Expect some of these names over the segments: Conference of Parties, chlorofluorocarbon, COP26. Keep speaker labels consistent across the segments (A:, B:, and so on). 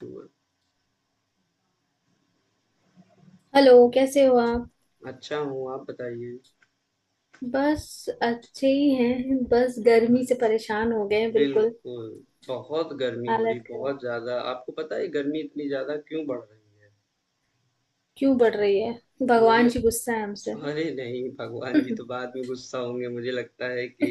A: बिल्कुल,
B: हेलो कैसे हो आप।
A: अच्छा हूँ, आप बताइए?
B: बस अच्छे ही हैं, बस गर्मी से परेशान हो गए हैं। बिल्कुल।
A: बिल्कुल, बहुत गर्मी हो रही,
B: हालत खराब।
A: बहुत ज़्यादा। आपको पता है गर्मी इतनी ज़्यादा क्यों बढ़ रही है?
B: क्यों बढ़ रही है?
A: मुझे
B: भगवान जी गुस्सा है हमसे।
A: अरे नहीं, भगवान जी तो बाद में गुस्सा होंगे। मुझे लगता है कि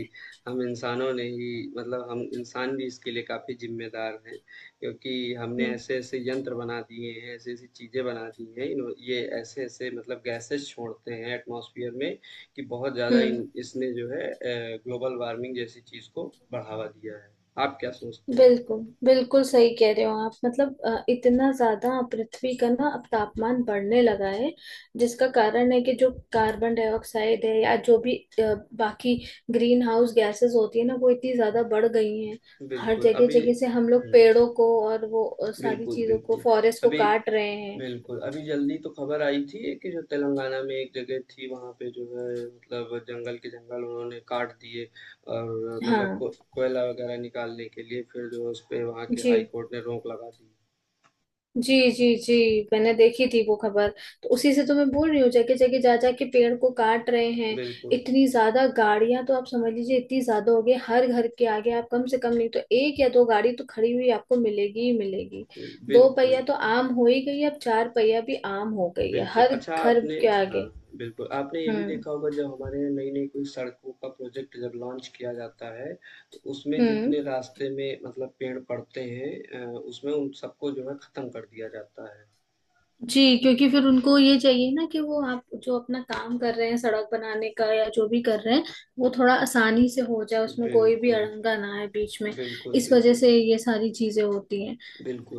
A: हम इंसानों ने ही मतलब हम इंसान भी इसके लिए काफ़ी ज़िम्मेदार हैं, क्योंकि हमने
B: हम्म।
A: ऐसे-ऐसे यंत्र बना दिए हैं, ऐसी-ऐसी चीज़ें बना दी हैं। इन्हो ये ऐसे-ऐसे मतलब गैसेस छोड़ते हैं एटमॉस्फेयर में कि बहुत ज़्यादा
B: हम्म।
A: इन इसने जो है ग्लोबल वार्मिंग जैसी चीज़ को बढ़ावा दिया है। आप क्या सोचते हैं?
B: बिल्कुल बिल्कुल सही कह रहे हो आप। मतलब इतना ज्यादा पृथ्वी का ना अब तापमान बढ़ने लगा है, जिसका कारण है कि जो कार्बन डाइऑक्साइड है या जो भी बाकी ग्रीन हाउस गैसेस होती है ना, वो इतनी ज्यादा बढ़ गई हैं। हर
A: बिल्कुल,
B: जगह
A: अभी
B: जगह से हम लोग
A: हुँ,
B: पेड़ों को और वो सारी
A: बिल्कुल,
B: चीजों को,
A: बिल्कुल।
B: फॉरेस्ट को
A: अभी
B: काट रहे हैं।
A: बिल्कुल, अभी जल्दी तो खबर आई थी कि जो तेलंगाना में एक जगह थी वहाँ पे जो है मतलब जंगल के जंगल उन्होंने काट दिए और मतलब
B: हाँ।
A: को कोयला वगैरह निकालने के लिए फिर जो है उस पे वहाँ के
B: जी।
A: हाई कोर्ट ने रोक लगा दी।
B: जी जी जी। मैंने देखी थी वो खबर। तो उसी से तो मैं बोल रही हूँ, जगह जगह जा जा के पेड़ को काट रहे हैं।
A: बिल्कुल,
B: इतनी ज्यादा गाड़ियां तो आप समझ लीजिए, इतनी ज्यादा हो गई, हर घर के आगे आप कम से कम नहीं तो एक या दो गाड़ी तो खड़ी हुई आपको मिलेगी ही मिलेगी।
A: बिल्कुल,
B: दो
A: बिल्कुल,
B: पहिया तो आम हो ही गई, अब चार पहिया भी आम हो गई है
A: बिल्कुल।
B: हर
A: अच्छा
B: घर
A: आपने
B: के
A: हाँ,
B: आगे।
A: बिल्कुल आपने ये भी
B: हम्म।
A: देखा होगा जब हमारे यहाँ नई-नई कोई सड़कों का प्रोजेक्ट जब लॉन्च किया जाता है, तो उसमें
B: हम्म।
A: जितने रास्ते में मतलब पेड़ पड़ते हैं उसमें उन सबको जो है ख़त्म कर दिया जाता है।
B: जी, क्योंकि फिर उनको ये चाहिए ना कि वो आप जो अपना काम कर रहे हैं सड़क बनाने का या जो भी कर रहे हैं, वो थोड़ा आसानी से हो जाए, उसमें कोई भी
A: बिल्कुल।
B: अड़ंगा ना आए बीच में।
A: बिल्कुल,
B: इस वजह
A: बिल्कुल,
B: से ये सारी चीजें होती हैं।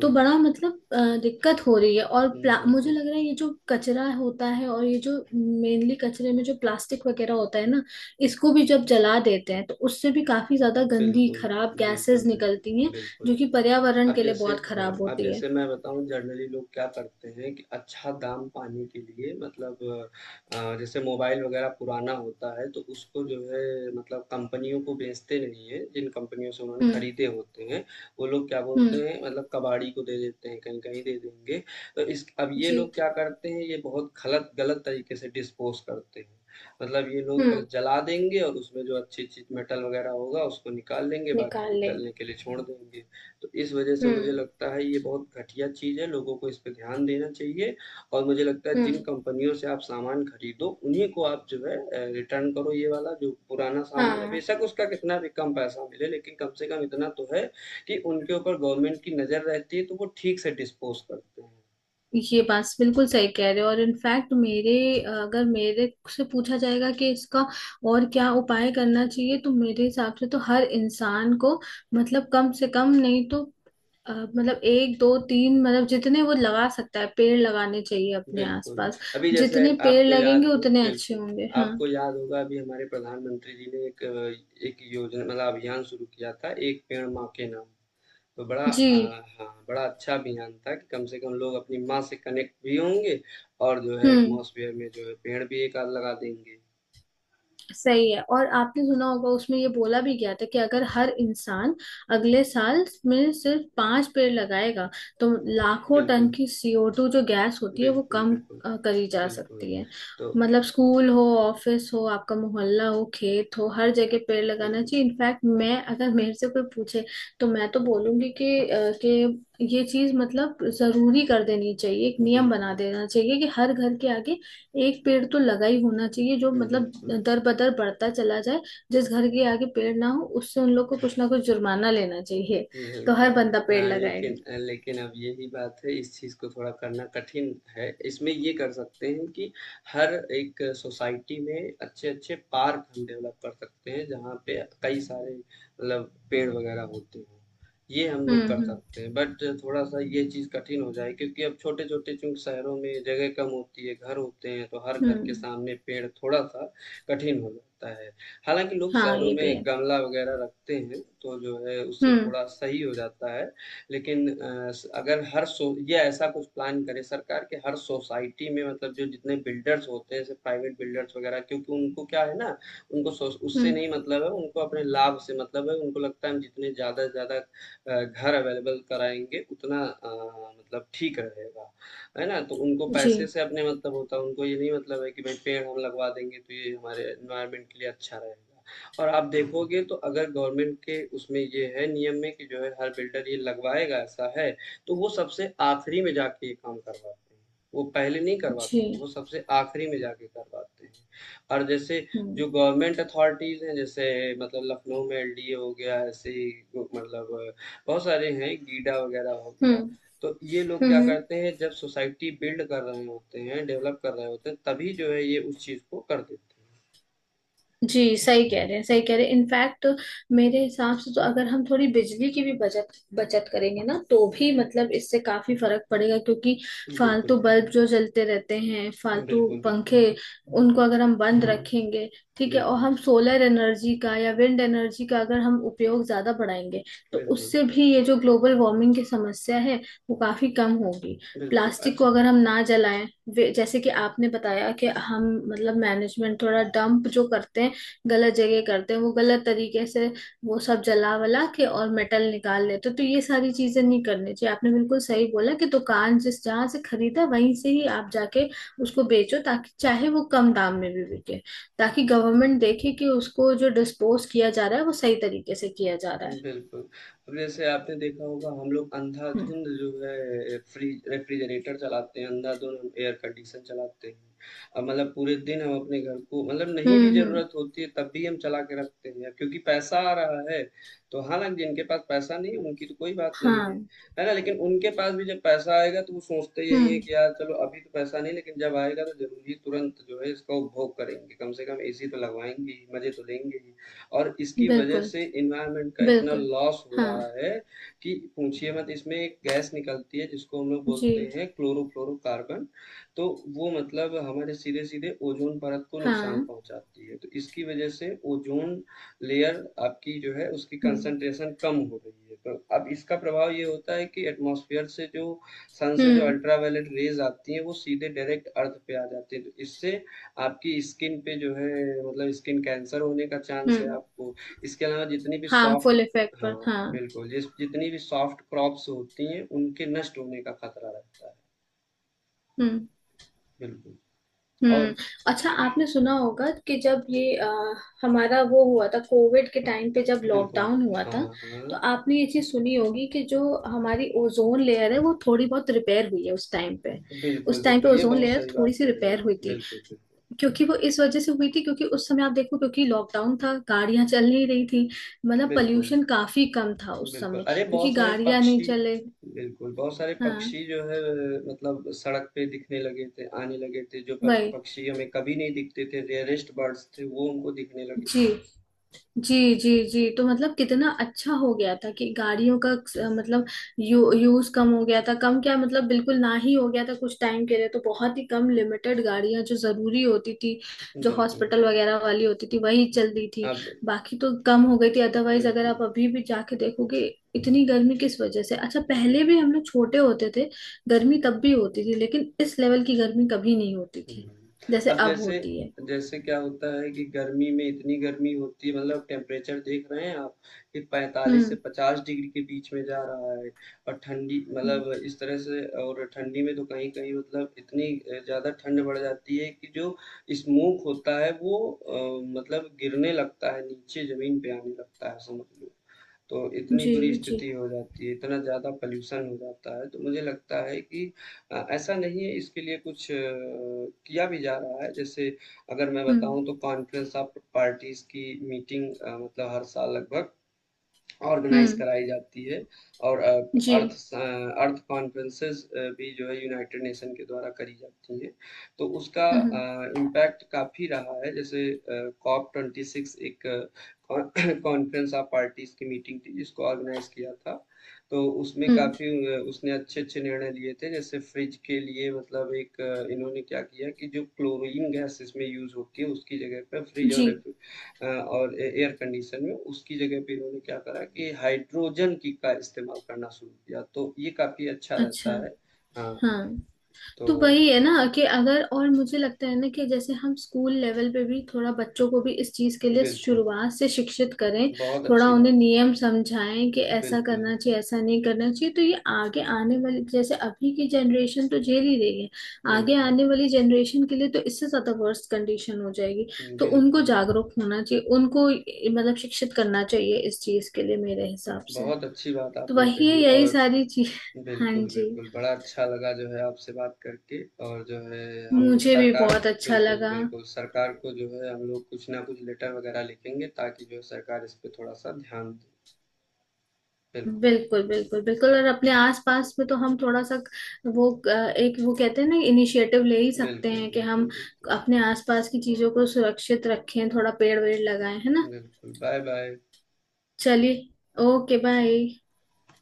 B: तो बड़ा मतलब दिक्कत हो रही है। और मुझे
A: बिल्कुल,
B: लग रहा है ये जो कचरा होता है और ये जो मेनली कचरे में जो प्लास्टिक वगैरह होता है ना, इसको भी जब जला देते हैं तो उससे भी काफी ज्यादा गंदी
A: बिल्कुल,
B: खराब
A: बिल्कुल,
B: गैसेस
A: बिल्कुल,
B: निकलती हैं जो
A: बिल्कुल।
B: कि पर्यावरण
A: अब
B: के लिए
A: जैसे
B: बहुत
A: हाँ,
B: खराब
A: अब
B: होती है।
A: जैसे मैं बताऊँ जनरली लोग क्या करते हैं कि अच्छा दाम पाने के लिए मतलब जैसे मोबाइल वगैरह पुराना होता है तो उसको जो है मतलब कंपनियों को बेचते नहीं है जिन कंपनियों से उन्होंने
B: हम्म।
A: खरीदे होते हैं वो लोग क्या बोलते
B: हम्म।
A: हैं मतलब कबाड़ी को दे देते हैं कहीं कहीं दे देंगे तो इस अब ये
B: जी।
A: लोग क्या करते हैं ये बहुत गलत गलत तरीके से डिस्पोज करते हैं, मतलब ये लोग बस
B: हम्म।
A: जला देंगे और उसमें जो अच्छी चीज मेटल वगैरह होगा उसको निकाल लेंगे बाकी
B: निकाल
A: को जलने
B: लेंगे।
A: के लिए छोड़ देंगे। तो इस वजह से मुझे
B: हम्म।
A: लगता है ये बहुत घटिया चीज़ है, लोगों को इस पे ध्यान देना चाहिए। और मुझे लगता है जिन
B: हम्म।
A: कंपनियों से आप सामान खरीदो, उन्हीं को आप जो है रिटर्न करो ये वाला जो पुराना सामान है।
B: हाँ।
A: बेशक उसका कितना भी कम पैसा मिले, लेकिन कम से कम इतना तो है कि उनके ऊपर गवर्नमेंट की नज़र रहती है, तो वो ठीक से डिस्पोज़ करते हैं।
B: ये बात बिल्कुल सही कह रहे हो। और इनफैक्ट मेरे, अगर मेरे से पूछा जाएगा कि इसका और क्या उपाय करना चाहिए, तो मेरे हिसाब से तो हर इंसान को मतलब कम से कम नहीं तो मतलब एक दो तीन मतलब जितने वो लगा सकता है पेड़ लगाने चाहिए अपने
A: बिल्कुल,
B: आसपास।
A: अभी जैसे
B: जितने पेड़
A: आपको याद
B: लगेंगे
A: हो
B: उतने अच्छे
A: बिल्कुल,
B: होंगे। हाँ।
A: आपको याद होगा अभी हमारे प्रधानमंत्री जी ने एक एक योजना मतलब अभियान शुरू किया था, एक पेड़ माँ के नाम। तो बड़ा
B: जी।
A: हाँ, बड़ा अच्छा अभियान था कि कम से कम लोग अपनी माँ से कनेक्ट भी होंगे और जो है
B: हम्म।
A: एटमॉस्फेयर में जो है पेड़ भी एक आध लगा देंगे।
B: सही है। और आपने सुना होगा उसमें ये बोला भी गया था कि अगर हर इंसान अगले साल में सिर्फ पांच पेड़ लगाएगा तो लाखों टन
A: बिल्कुल,
B: की CO2 जो गैस होती है वो
A: बिल्कुल,
B: कम
A: बिल्कुल।
B: करी जा
A: बिल्कुल,
B: सकती है।
A: तो
B: मतलब स्कूल हो, ऑफिस हो, आपका मोहल्ला हो, खेत हो, हर जगह पेड़ लगाना
A: बिल्कुल,
B: चाहिए। इनफैक्ट मैं अगर मेरे से कोई पूछे तो मैं तो बोलूंगी कि ये चीज मतलब जरूरी कर देनी चाहिए, एक नियम बना
A: बिल्कुल,
B: देना चाहिए कि हर घर के आगे एक पेड़ तो लगा ही होना चाहिए, जो मतलब
A: बिल्कुल।
B: दर बदर बढ़ता चला जाए। जिस घर के आगे पेड़ ना हो उससे उन लोग को कुछ ना कुछ जुर्माना लेना चाहिए, तो
A: बिल्कुल।
B: हर बंदा पेड़
A: हाँ,
B: लगाएगा।
A: लेकिन लेकिन अब यही बात है, इस चीज़ को थोड़ा करना कठिन है। इसमें ये कर सकते हैं कि हर एक सोसाइटी में अच्छे-अच्छे पार्क हम डेवलप कर सकते हैं, जहाँ पे कई सारे मतलब पेड़ वगैरह होते हों। ये हम
B: हम्म।
A: लोग कर
B: हम्म।
A: सकते हैं, बट थोड़ा-सा ये चीज़ कठिन हो जाए क्योंकि अब छोटे-छोटे चूँकि शहरों में जगह कम होती है, घर होते हैं, तो हर घर के
B: हम्म।
A: सामने पेड़ थोड़ा-सा कठिन हो जाता है। हालाँकि लोग
B: हाँ,
A: शहरों
B: ये भी
A: में
B: है।
A: गमला वगैरह रखते हैं, तो जो है उससे
B: हम्म।
A: थोड़ा सही हो जाता है। लेकिन अ, स अगर हर सो या ऐसा कुछ प्लान करे सरकार कि हर सोसाइटी में मतलब जो जितने बिल्डर्स होते हैं, जैसे प्राइवेट बिल्डर्स वगैरह, क्योंकि उनको क्या है ना, उनको सोस उससे
B: हम्म।
A: नहीं मतलब है, उनको अपने लाभ से मतलब है। उनको लगता है हम जितने ज़्यादा से ज़्यादा घर अवेलेबल कराएँगे उतना मतलब ठीक रहेगा। है ना? तो उनको
B: जी।
A: पैसे से अपने मतलब होता है, उनको ये नहीं मतलब है कि भाई पेड़ हम लगवा देंगे तो ये हमारे एनवायरनमेंट के लिए अच्छा रहेगा। और आप देखोगे तो अगर गवर्नमेंट के उसमें ये है नियम में कि जो है हर बिल्डर ये लगवाएगा ऐसा है, तो वो सबसे आखिरी में जाके ये काम करवाते हैं। वो पहले नहीं करवाते,
B: जी।
A: वो सबसे आखिरी में जाके करवाते हैं। और जैसे
B: हम्म।
A: जो गवर्नमेंट अथॉरिटीज़ हैं, जैसे मतलब लखनऊ में एलडीए हो गया, ऐसे ही मतलब बहुत सारे हैं, गीडा वगैरह हो गया।
B: हम्म।
A: तो ये लोग
B: हम्म।
A: क्या
B: हम्म।
A: करते हैं जब सोसाइटी बिल्ड कर रहे होते हैं डेवलप कर रहे होते हैं तभी जो है ये उस चीज को कर देते
B: जी, सही कह रहे हैं सही कह रहे हैं। इनफैक्ट मेरे हिसाब से तो अगर हम थोड़ी बिजली की भी बचत बचत करेंगे ना तो भी मतलब इससे काफी फर्क पड़ेगा, क्योंकि
A: हैं। बिल्कुल
B: फालतू बल्ब जो जलते रहते हैं, फालतू
A: बिल्कुल बिल्कुल
B: पंखे, उनको अगर हम बंद रखेंगे, ठीक है। और
A: बिल्कुल
B: हम सोलर एनर्जी का या विंड एनर्जी का अगर हम उपयोग ज्यादा बढ़ाएंगे तो
A: बिल्कुल
B: उससे भी ये जो ग्लोबल वार्मिंग की समस्या है वो काफी कम होगी।
A: बिल्कुल
B: प्लास्टिक को
A: अच्छा
B: अगर हम ना जलाएं, जैसे कि आपने बताया कि हम मतलब मैनेजमेंट थोड़ा डंप जो करते हैं, गलत जगह करते हैं, वो गलत तरीके से, वो सब जला वला के और मेटल निकाल लेते हैं। तो ये सारी चीजें नहीं करनी चाहिए। आपने बिल्कुल सही बोला कि दुकान जिस जहां से खरीदा वहीं से ही आप जाके उसको बेचो, ताकि चाहे वो कम दाम में भी बिके, ताकि गवर्नमेंट देखे कि उसको जो डिस्पोज किया जा रहा है वो सही तरीके से किया जा रहा है।
A: बिल्कुल। अब जैसे आपने देखा होगा हम लोग
B: हम्म।
A: अंधाधुंध जो है फ्रिज रेफ्रिजरेटर चलाते हैं, अंधाधुंध हम एयर कंडीशन चलाते हैं। अब मतलब पूरे दिन हम अपने घर को मतलब नहीं
B: हम्म।
A: भी
B: हम्म।
A: ज़रूरत होती है तब भी हम चला के रखते हैं क्योंकि पैसा आ रहा है, तो हालाँकि जिनके पास पैसा नहीं है उनकी तो कोई बात नहीं है,
B: हाँ।
A: है ना? लेकिन उनके पास भी जब पैसा आएगा तो वो सोचते यही है
B: हम्म।
A: कि यार चलो अभी तो पैसा नहीं लेकिन जब आएगा तो ज़रूर ही तुरंत जो है इसका उपभोग करेंगे, कम से कम एसी तो लगवाएँगे ही, मज़े तो लेंगे ही। और इसकी वजह
B: बिल्कुल।
A: से एनवायरनमेंट का इतना
B: बिल्कुल।
A: लॉस हो
B: हाँ।
A: रहा है कि पूछिए मत। इसमें एक गैस निकलती है जिसको हम लोग
B: जी।
A: बोलते हैं क्लोरोफ्लोरोकार्बन। तो वो मतलब हमारे सीधे सीधे ओजोन परत को नुकसान
B: हाँ।
A: पहुंचाती है, तो इसकी वजह से ओजोन लेयर आपकी जो है उसकी
B: हम्म।
A: कंसंट्रेशन कम हो रही है। तो अब इसका प्रभाव ये होता है कि एटमॉस्फेयर से जो सन से जो
B: हम्म।
A: अल्ट्रावायलेट रेज आती हैं वो सीधे डायरेक्ट अर्थ पे आ जाती है तो इससे आपकी स्किन पे जो है मतलब स्किन कैंसर होने का चांस है
B: हम्म।
A: आपको। इसके अलावा जितनी भी सॉफ्ट
B: हार्मफुल इफेक्ट
A: हाँ
B: पर। हाँ।
A: बिल्कुल जिस जितनी भी सॉफ्ट क्रॉप्स होती हैं उनके नष्ट होने का खतरा रहता है।
B: हम्म।
A: बिल्कुल
B: हम्म।
A: और
B: अच्छा, आपने सुना होगा कि जब ये हमारा वो हुआ था, कोविड के टाइम पे जब
A: बिल्कुल
B: लॉकडाउन हुआ
A: हाँ
B: था, तो
A: हाँ
B: आपने ये चीज सुनी होगी कि जो हमारी ओजोन लेयर है वो थोड़ी बहुत रिपेयर हुई है उस टाइम पे।
A: बिल्कुल
B: उस टाइम पे
A: बिल्कुल ये
B: ओजोन
A: बहुत
B: लेयर
A: सही
B: थोड़ी
A: बात
B: सी
A: कह रहे हैं
B: रिपेयर
A: आप
B: हुई थी।
A: बिल्कुल बिल्कुल
B: क्योंकि वो इस वजह से हुई थी क्योंकि उस समय आप देखो, क्योंकि लॉकडाउन था, गाड़ियां चल नहीं रही थी, मतलब
A: बिल्कुल
B: पॉल्यूशन काफी कम था उस
A: बिल्कुल
B: समय,
A: अरे
B: क्योंकि
A: बहुत सारे
B: गाड़ियां नहीं
A: पक्षी
B: चले।
A: बिल्कुल बहुत सारे
B: हाँ।
A: पक्षी जो है मतलब सड़क पे दिखने लगे थे आने लगे थे जो
B: वही।
A: पक्षी हमें कभी नहीं दिखते थे, रेयरेस्ट बर्ड्स थे वो हमको दिखने लगे
B: जी।
A: थे।
B: जी। जी। जी। तो मतलब कितना अच्छा हो गया था कि गाड़ियों का मतलब यूज कम हो गया था, कम क्या मतलब बिल्कुल ना ही हो गया था कुछ टाइम के लिए, तो बहुत ही कम लिमिटेड गाड़ियां जो जरूरी होती थी, जो
A: बिल्कुल,
B: हॉस्पिटल वगैरह वाली होती थी वही चलती थी,
A: अब
B: बाकी तो कम हो गई थी। अदरवाइज अगर
A: बिल्कुल,
B: आप अभी भी जाके देखोगे इतनी गर्मी किस वजह से। अच्छा,
A: बिल्कुल।
B: पहले भी हम लोग छोटे होते थे, गर्मी तब भी होती थी, लेकिन इस लेवल की गर्मी कभी नहीं होती थी जैसे
A: अब
B: अब
A: जैसे
B: होती है।
A: जैसे क्या होता है कि गर्मी में इतनी गर्मी होती है मतलब टेम्परेचर देख रहे हैं आप कि 45 से
B: हम्म।
A: 50 डिग्री के बीच में जा रहा है। और ठंडी मतलब
B: हम्म।
A: इस तरह से और ठंडी में तो कहीं-कहीं मतलब इतनी ज़्यादा ठंड बढ़ जाती है कि जो स्मोक होता है वो मतलब गिरने लगता है नीचे ज़मीन पे आने लगता है समझ लो। तो इतनी
B: जी।
A: बुरी
B: जी।
A: स्थिति हो जाती है, इतना ज़्यादा पॉल्यूशन हो जाता है, तो मुझे लगता है कि ऐसा नहीं है, इसके लिए कुछ किया भी जा रहा है। जैसे अगर मैं
B: हम्म।
A: बताऊँ तो कॉन्फ्रेंस ऑफ पार्टीज़ की मीटिंग मतलब हर साल लगभग ऑर्गेनाइज
B: हम्म।
A: कराई जाती है और
B: जी।
A: अर्थ कॉन्फ्रेंसेस भी जो है यूनाइटेड नेशन के द्वारा करी जाती हैं। तो उसका
B: हम्म।
A: इम्पैक्ट काफ़ी रहा है, जैसे COP 26 एक कॉन्फ्रेंस ऑफ पार्टीज की मीटिंग थी जिसको ऑर्गेनाइज किया था, तो उसमें
B: हम्म।
A: काफ़ी उसने अच्छे अच्छे निर्णय लिए थे। जैसे फ्रिज के लिए मतलब एक इन्होंने क्या किया कि जो क्लोरीन गैस इसमें यूज़ होती है उसकी जगह पर फ्रिज और
B: जी।
A: और एयर कंडीशन में उसकी जगह पे इन्होंने क्या करा कि हाइड्रोजन की का इस्तेमाल करना शुरू किया, तो ये काफी अच्छा
B: अच्छा।
A: रहता है। हाँ
B: हाँ।
A: तो
B: तो वही है ना, कि अगर, और मुझे लगता है ना कि जैसे हम स्कूल लेवल पे भी थोड़ा बच्चों को भी इस चीज के लिए
A: बिल्कुल
B: शुरुआत से शिक्षित करें,
A: बहुत
B: थोड़ा
A: अच्छी
B: उन्हें
A: बात है
B: नियम समझाएं कि ऐसा
A: बिल्कुल
B: करना चाहिए ऐसा नहीं करना चाहिए, तो ये आगे आने वाली, जैसे अभी की जनरेशन तो झेल ही रही है, आगे
A: बिल्कुल
B: आने वाली जनरेशन के लिए तो इससे ज्यादा वर्स्ट कंडीशन हो जाएगी। तो उनको
A: बिल्कुल
B: जागरूक होना चाहिए, उनको मतलब शिक्षित करना चाहिए इस चीज के लिए मेरे हिसाब से।
A: बहुत अच्छी बात
B: तो
A: आपने
B: वही है,
A: कही।
B: यही
A: और
B: सारी चीज। हाँ
A: बिल्कुल
B: जी।
A: बिल्कुल बड़ा अच्छा लगा जो है आपसे बात करके। और जो है हम
B: मुझे भी
A: सरकार
B: बहुत अच्छा
A: बिल्कुल
B: लगा।
A: बिल्कुल सरकार को जो है हम लोग कुछ ना कुछ लेटर वगैरह लिखेंगे ताकि जो है सरकार इस पे थोड़ा सा ध्यान दे। बिल्कुल
B: बिल्कुल बिल्कुल बिल्कुल। और अपने आसपास में तो हम थोड़ा सा वो एक वो कहते हैं ना, इनिशिएटिव ले ही सकते
A: बिल्कुल
B: हैं कि हम
A: बिल्कुल बिल्कुल
B: अपने आसपास की चीजों को सुरक्षित रखें, थोड़ा पेड़ वेड़ लगाएं, है ना।
A: बिल्कुल, बाय बाय।
B: चलिए। Okay bye.